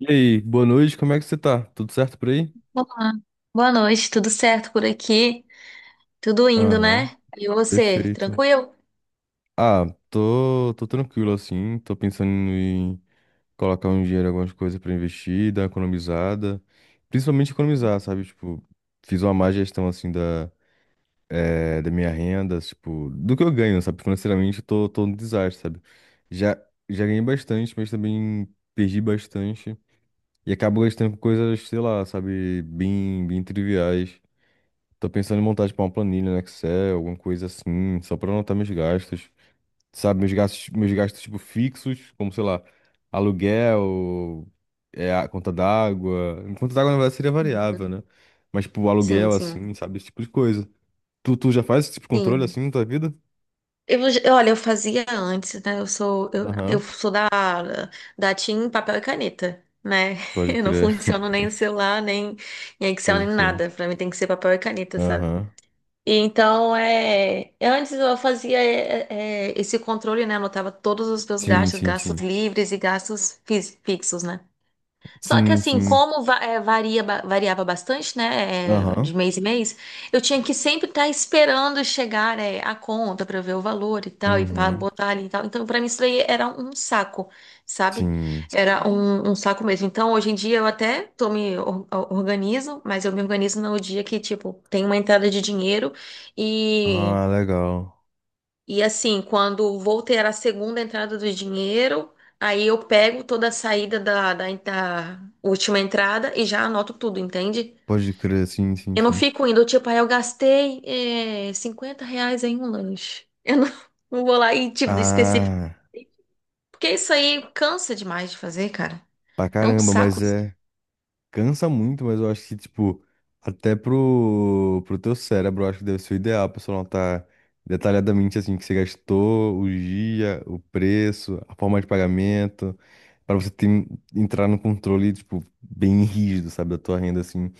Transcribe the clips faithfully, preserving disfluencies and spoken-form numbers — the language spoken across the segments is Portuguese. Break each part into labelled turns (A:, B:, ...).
A: E aí, boa noite, como é que você tá? Tudo certo por aí?
B: Olá, boa noite, tudo certo por aqui? Tudo indo,
A: Aham,
B: né? E você,
A: perfeito.
B: tranquilo?
A: Ah, tô, tô tranquilo assim, tô pensando em colocar um dinheiro, em algumas coisas pra investir, dar uma economizada, principalmente economizar, sabe? Tipo, fiz uma má gestão assim da, eh, da minha renda, tipo, do que eu ganho, sabe? Financeiramente eu tô, tô um desastre, sabe? Já, já ganhei bastante, mas também perdi bastante e acabo gastando com coisas, sei lá, sabe? Bem, bem triviais. Tô pensando em montar, tipo, uma planilha no Excel, alguma coisa assim, só pra anotar meus gastos. Sabe, meus gastos, meus gastos, tipo, fixos, como, sei lá, aluguel, é, a conta d'água. Conta d'água, na verdade, seria
B: Uhum.
A: variável, né? Mas, tipo,
B: Sim,
A: aluguel,
B: sim,
A: assim, sabe, esse tipo de coisa. Tu, tu já faz esse tipo de controle,
B: sim.
A: assim, na tua vida?
B: Eu, eu- olha, eu fazia antes, né? Eu sou, eu, eu
A: Aham,
B: sou da, da Team Papel e Caneta, né?
A: pode
B: Eu não
A: crer,
B: funciono nem o celular, nem em Excel, nem
A: pode crer.
B: nada. Pra mim tem que ser papel e caneta, sabe?
A: Aham.
B: E então, é, antes eu fazia é, é, é, esse controle, né? Anotava todos os meus
A: Sim,
B: gastos,
A: sim,
B: gastos
A: sim.
B: livres e gastos fis- fixos, né? Só que
A: Sim,
B: assim,
A: sim.
B: como va- é, varia, ba- variava bastante, né, é,
A: Aham.
B: de mês em mês, eu tinha que sempre estar esperando chegar, é, a conta para ver o valor e tal, e para
A: Uhum.
B: botar ali e tal. Então, para mim, isso daí era um saco, sabe?
A: Sim.
B: Era um, um saco mesmo. Então, hoje em dia, eu até tô me or- organizo, mas eu me organizo no dia que, tipo, tem uma entrada de dinheiro
A: Ah, legal.
B: e assim, quando vou ter a segunda entrada do dinheiro, aí eu pego toda a saída da, da, da última entrada e já anoto tudo, entende?
A: Pode crer, sim, sim,
B: Eu não
A: sim.
B: fico indo, tipo, ah, eu gastei eh, cinquenta reais em um lanche. Eu não, não vou lá e, tipo, específico.
A: Ah.
B: Porque isso aí cansa demais de fazer, cara.
A: Pra
B: É um
A: caramba,
B: saco.
A: mas é. Cansa muito, mas eu acho que, tipo, até pro, pro teu cérebro, eu acho que deve ser o ideal pra você anotar detalhadamente, assim, o que você gastou, o dia, o preço, a forma de pagamento, pra você ter, entrar no controle, tipo, bem rígido, sabe, da tua renda, assim.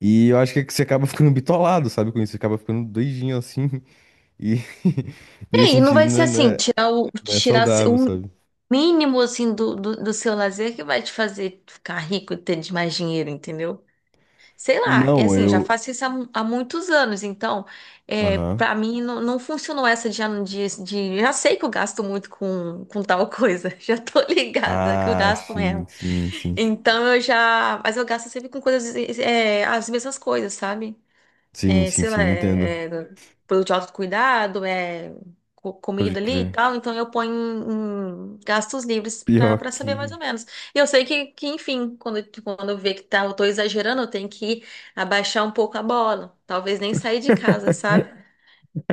A: E eu acho que é que você acaba ficando bitolado, sabe, com isso, você acaba ficando doidinho, assim, e
B: E
A: nesse
B: aí, não
A: sentido
B: vai
A: não
B: ser
A: é, não
B: assim,
A: é
B: tirar o,
A: não é
B: tirar
A: saudável,
B: o
A: sabe.
B: mínimo, assim, do, do, do seu lazer que vai te fazer ficar rico e ter mais dinheiro, entendeu? Sei lá, é
A: Não,
B: assim, já
A: eu.
B: faço isso há, mu- há muitos anos, então, é,
A: Aham.
B: para mim não, não funcionou essa de, de, de- Já sei que eu gasto muito com, com tal coisa, já tô ligada que eu
A: Ah,
B: gasto
A: sim,
B: mesmo.
A: sim, sim.
B: Então eu já. Mas eu gasto sempre com coisas, é, as mesmas coisas, sabe?
A: Sim,
B: é,
A: sim,
B: sei
A: sim,
B: lá,
A: entendo.
B: é, é produto de autocuidado, é co-
A: Pode
B: comida ali e
A: crer.
B: tal, então eu ponho em, em gastos livres para
A: Pior
B: para saber mais
A: que.
B: ou menos. E eu sei que, que enfim, quando, quando eu ver que tá, eu tô exagerando, eu tenho que abaixar um pouco a bola, talvez nem sair de casa, sabe?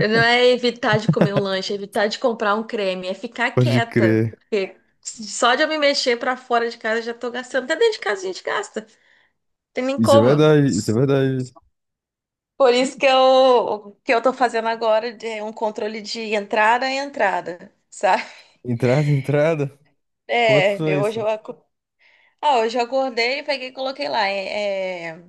B: Não é evitar de comer um lanche, é evitar de comprar um creme, é ficar
A: Pode
B: quieta,
A: crer.
B: porque só de eu me mexer para fora de casa eu já tô gastando. Até dentro de casa a gente gasta, tem nem
A: Isso é
B: como.
A: verdade, isso é verdade.
B: Por isso que eu, o que eu tô fazendo agora de um controle de entrada e entrada, sabe?
A: Entrada, entrada. Como é que
B: É,
A: funciona
B: eu- hoje
A: isso?
B: eu, aco- ah, hoje eu acordei, peguei e coloquei lá, é, é,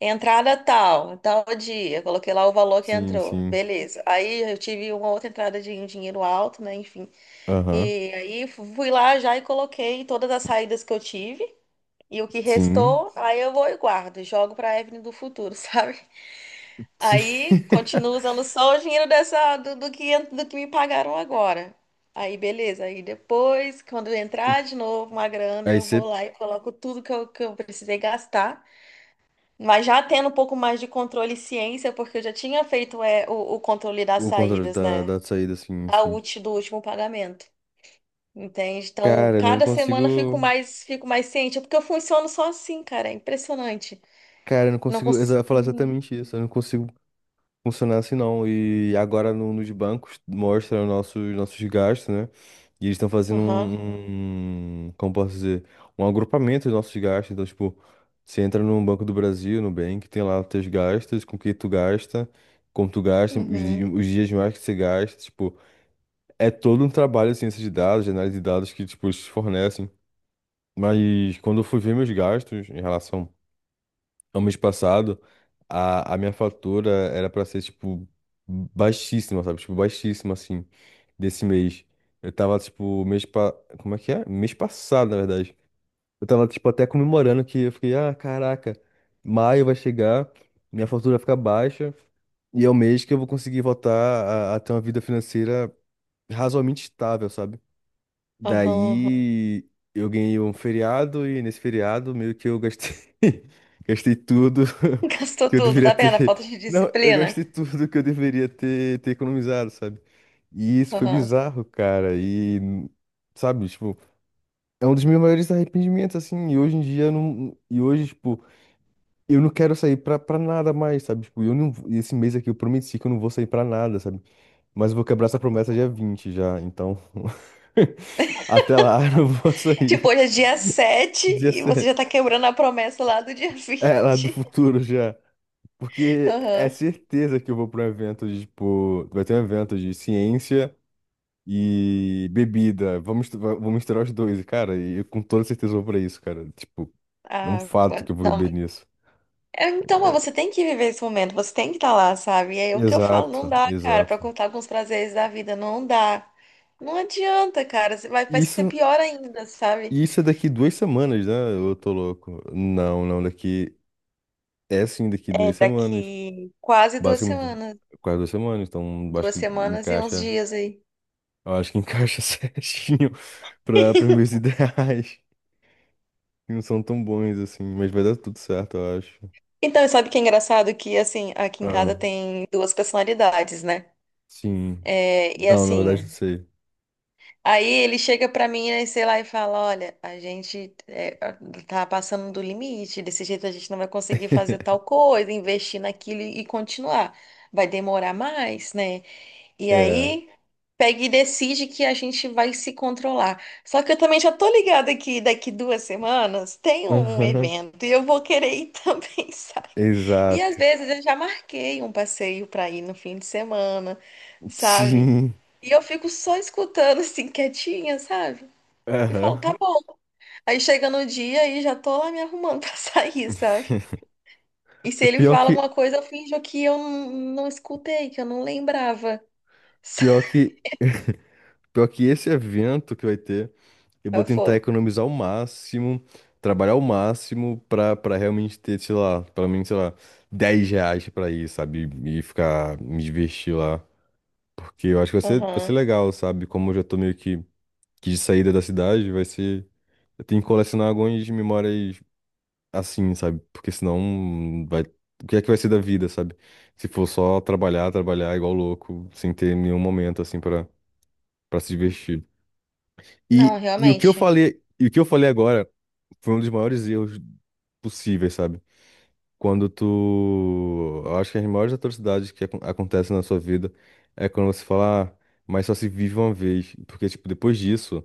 B: entrada tal, tal dia, coloquei lá o valor que
A: Sim,
B: entrou,
A: sim.
B: beleza. Aí eu tive uma outra entrada de um dinheiro alto, né, enfim.
A: Aham.
B: E aí fui lá já e coloquei todas as saídas que eu tive. E o que
A: Sim.
B: restou, aí eu vou e guardo, jogo para a Evelyn do futuro, sabe?
A: Sim.
B: Aí continuo usando só o dinheiro dessa, do, do que, do que me pagaram agora. Aí beleza, aí depois, quando entrar de novo uma grana,
A: Aí
B: eu vou
A: você.
B: lá e coloco tudo que eu, que eu precisei gastar. Mas já tendo um pouco mais de controle e ciência, porque eu já tinha feito é, o, o controle das
A: O controle
B: saídas,
A: da,
B: né?
A: da saída, sim,
B: A
A: sim.
B: útil do último pagamento. Entende? Então,
A: Cara, eu não
B: cada semana eu fico
A: consigo.
B: mais, fico mais ciente, porque eu funciono só assim, cara. É impressionante.
A: Cara, eu não
B: Não
A: consigo
B: consigo.
A: exa- falar exatamente isso. Eu não consigo funciona assim não. E agora no- nos bancos mostra os nossos, nossos gastos, né? E eles estão fazendo
B: Aham.
A: um, um- como posso dizer, um agrupamento dos nossos gastos. Então, tipo, você entra no Banco do Brasil, no Nubank, tem lá os teus gastos, com que tu gasta, como tu gasta, os, di-
B: Uhum.
A: os dias mais que você gasta, tipo, é todo um trabalho de ciência de dados, de análise de dados que, tipo, eles fornecem. Mas quando eu fui ver meus gastos em relação no mês passado, a, a minha fatura era pra ser, tipo, baixíssima, sabe? Tipo, baixíssima, assim, desse mês. Eu tava, tipo, mês pa... Como é que é? Mês passado, na verdade. Eu tava, tipo, até comemorando que eu fiquei, ah, caraca, maio vai chegar, minha fatura vai ficar baixa, e é o mês que eu vou conseguir voltar a, a ter uma vida financeira razoavelmente estável, sabe?
B: Aham. Aham.
A: Daí eu ganhei um feriado e nesse feriado meio que eu gastei gastei tudo
B: Gastou
A: que eu
B: tudo,
A: deveria
B: tá vendo? A
A: ter.
B: falta de
A: Não, eu
B: disciplina.
A: gastei tudo que eu deveria ter, ter economizado, sabe? E isso foi
B: Aham.
A: bizarro, cara. E sabe, tipo, é um dos meus maiores arrependimentos assim, e hoje em dia eu não e hoje, tipo, eu não quero sair pra, pra nada mais, sabe? Tipo, eu não esse mês aqui eu prometi que eu não vou sair pra nada, sabe? Mas eu vou quebrar essa promessa dia vinte já, então. Até lá, eu não vou
B: Tipo,
A: sair.
B: hoje é dia sete
A: Dia
B: e você
A: sete.
B: já tá quebrando a promessa lá do dia
A: É, lá do
B: vinte.
A: futuro já. Porque é
B: Aham.
A: certeza que eu vou para um evento de, tipo. Vai ter um evento de ciência e bebida. Vamos, vamos va- vou misturar os dois, cara. E eu com toda certeza vou pra isso, cara. Tipo, é um
B: Ah,
A: fato
B: quando-
A: que eu vou
B: não,
A: beber
B: mas-
A: nisso.
B: é, então, mas você tem que viver esse momento, você tem que estar lá, sabe? E aí o que eu falo, não
A: Exato,
B: dá, cara, pra
A: exato.
B: contar com os prazeres da vida, não dá. Não adianta, cara, você vai, vai ser
A: Isso,
B: pior ainda, sabe?
A: isso é daqui duas semanas, né? Eu tô louco. Não, não, daqui. É sim, daqui
B: É
A: duas semanas.
B: daqui quase duas
A: Basicamente,
B: semanas,
A: quase duas semanas, então acho
B: duas
A: que
B: semanas e uns
A: encaixa.
B: dias aí.
A: Eu acho que encaixa certinho para os meus ideais. Que Não são tão bons assim, mas vai dar tudo certo, eu acho.
B: Então, sabe o que é engraçado? Que, assim, aqui em
A: Ah,
B: casa tem duas personalidades, né?
A: sim.
B: É, e
A: Não, na verdade, não
B: assim,
A: sei.
B: aí ele chega pra mim, né, sei lá, e fala: Olha, a gente é, tá passando do limite, desse jeito a gente não vai conseguir fazer tal coisa, investir naquilo e continuar. Vai demorar mais, né? E
A: É.
B: aí pega e decide que a gente vai se controlar. Só que eu também já tô ligada que daqui duas semanas tem um
A: Aham.
B: evento e eu vou querer ir também, sabe? E às
A: Exato.
B: vezes eu já marquei um passeio para ir no fim de semana, sabe?
A: Sim.
B: E eu fico só escutando assim, quietinha, sabe? E falo, tá
A: Aham.
B: bom. Aí chega no dia e já tô lá me arrumando pra sair, sabe? E se ele
A: Pior
B: fala
A: que,
B: alguma coisa, eu finjo que eu não, não escutei, que eu não lembrava.
A: pior que, pior que esse evento que vai ter. Eu
B: Aí
A: vou
B: eu
A: tentar
B: falo,
A: economizar o máximo, trabalhar o máximo pra, pra realmente ter, sei lá, pelo menos, sei lá, dez reais pra ir, sabe? E ficar, me divertir lá. Porque eu acho que vai ser, vai ser
B: aham.
A: legal, sabe? Como eu já tô meio que, que de saída da cidade, vai ser. Eu tenho que colecionar algumas memórias assim, sabe? Porque senão vai. O que é que vai ser da vida, sabe? Se for só trabalhar, trabalhar igual louco, sem ter nenhum momento assim pra, pra se divertir.
B: Não,
A: E, e o que eu
B: realmente.
A: falei, e o que eu falei agora foi um dos maiores erros possíveis, sabe? Quando tu. Eu acho que as maiores atrocidades que acon- acontecem na sua vida é quando você fala, "Ah, mas só se vive uma vez. Porque, tipo, depois disso,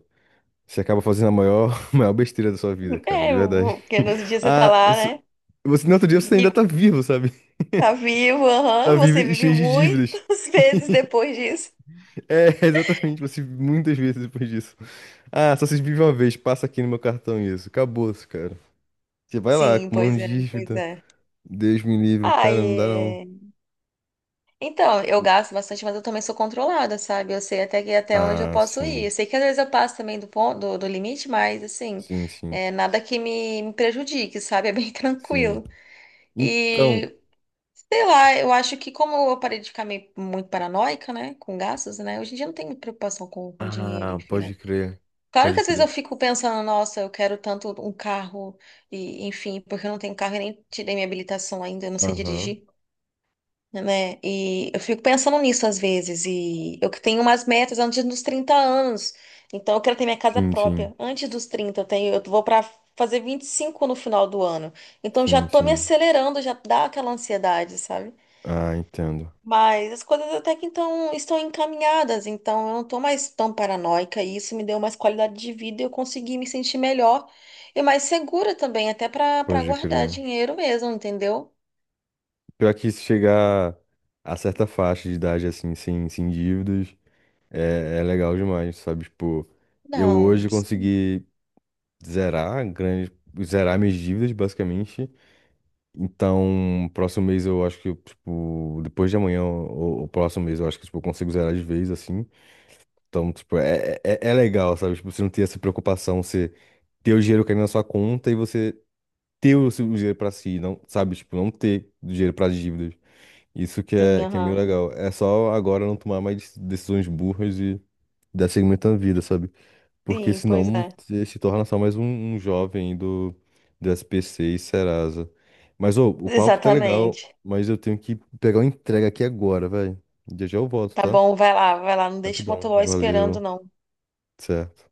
A: você acaba fazendo a maior, maior besteira da sua vida, cara, de
B: É, eu
A: verdade.
B: vou- porque nos dias você tá
A: Ah,
B: lá,
A: s-
B: né?
A: você no outro dia você ainda
B: Vivo,
A: tá vivo, sabe?
B: tá vivo,
A: Tá
B: aham.
A: vivo
B: Você
A: e
B: vive
A: cheio de dívidas.
B: muitas vezes depois disso.
A: É, exatamente, você muitas vezes depois disso. Ah, só se vive uma vez, passa aqui no meu cartão isso. Acabou-se, cara. Você vai lá,
B: Sim, pois
A: acumulando
B: é, pois
A: dívida.
B: é.
A: Deus me livre,
B: Ah,
A: cara, não dá não.
B: e... Então, eu gasto bastante, mas eu também sou controlada, sabe? Eu sei até que até onde eu
A: Ah,
B: posso ir.
A: sim.
B: Eu sei que às vezes eu passo também do ponto, do, do limite, mas assim,
A: Sim, sim,
B: é nada que me, me prejudique, sabe? É bem
A: sim.
B: tranquilo.
A: Então,
B: E sei lá, eu acho que como eu parei de ficar meio, muito paranoica, né, com gastos, né? Hoje em dia eu não tenho muita preocupação com, com dinheiro,
A: ah,
B: enfim, né?
A: pode crer.
B: Claro que
A: Pode
B: às vezes eu
A: crer.
B: fico pensando, nossa, eu quero tanto um carro e, enfim, porque eu não tenho carro e nem tirei minha habilitação ainda, eu não sei
A: Aham.
B: dirigir, né? E eu fico pensando nisso às vezes. E eu que tenho umas metas antes dos trinta anos. Então eu quero ter minha casa
A: Sim, sim.
B: própria antes dos trinta. Eu tenho, eu vou para fazer vinte e cinco no final do ano. Então já
A: Sim,
B: tô me
A: sim.
B: acelerando, já dá aquela ansiedade, sabe?
A: Ah, entendo.
B: Mas as coisas até que então estão encaminhadas, então eu não tô mais tão paranoica e isso me deu mais qualidade de vida e eu consegui me sentir melhor e mais segura também, até para para
A: Pode
B: guardar
A: crer.
B: dinheiro mesmo, entendeu?
A: Pior que se chegar a certa faixa de idade assim, sem, sem dívidas, é, é legal demais, sabe? Tipo, eu
B: Não,
A: hoje consegui zerar grande, zerar minhas dívidas, basicamente. Então, próximo mês eu acho que, eu, tipo, depois de amanhã, o, o próximo mês, eu acho que, tipo, eu consigo zerar de vez, assim. Então, tipo, é, é, é é legal, sabe? Tipo, você não ter essa preocupação, você ter o dinheiro caindo na sua conta e você ter o seu dinheiro pra si, não, sabe? Tipo, não ter dinheiro pra dívidas. Isso que
B: sim,
A: é, que é meio
B: aham.
A: legal. É só agora não tomar mais decisões burras e dar seguimento à vida, sabe? Porque
B: Sim, pois
A: senão
B: é.
A: você se torna só mais um, um jovem do, do S P C e Serasa. Mas ô, o papo tá legal,
B: Exatamente.
A: mas eu tenho que pegar uma entrega aqui agora, velho. Já já eu volto,
B: Tá
A: tá?
B: bom, vai lá, vai lá. Não deixa o
A: Rapidão.
B: motoboy esperando,
A: Valeu.
B: não.
A: Certo.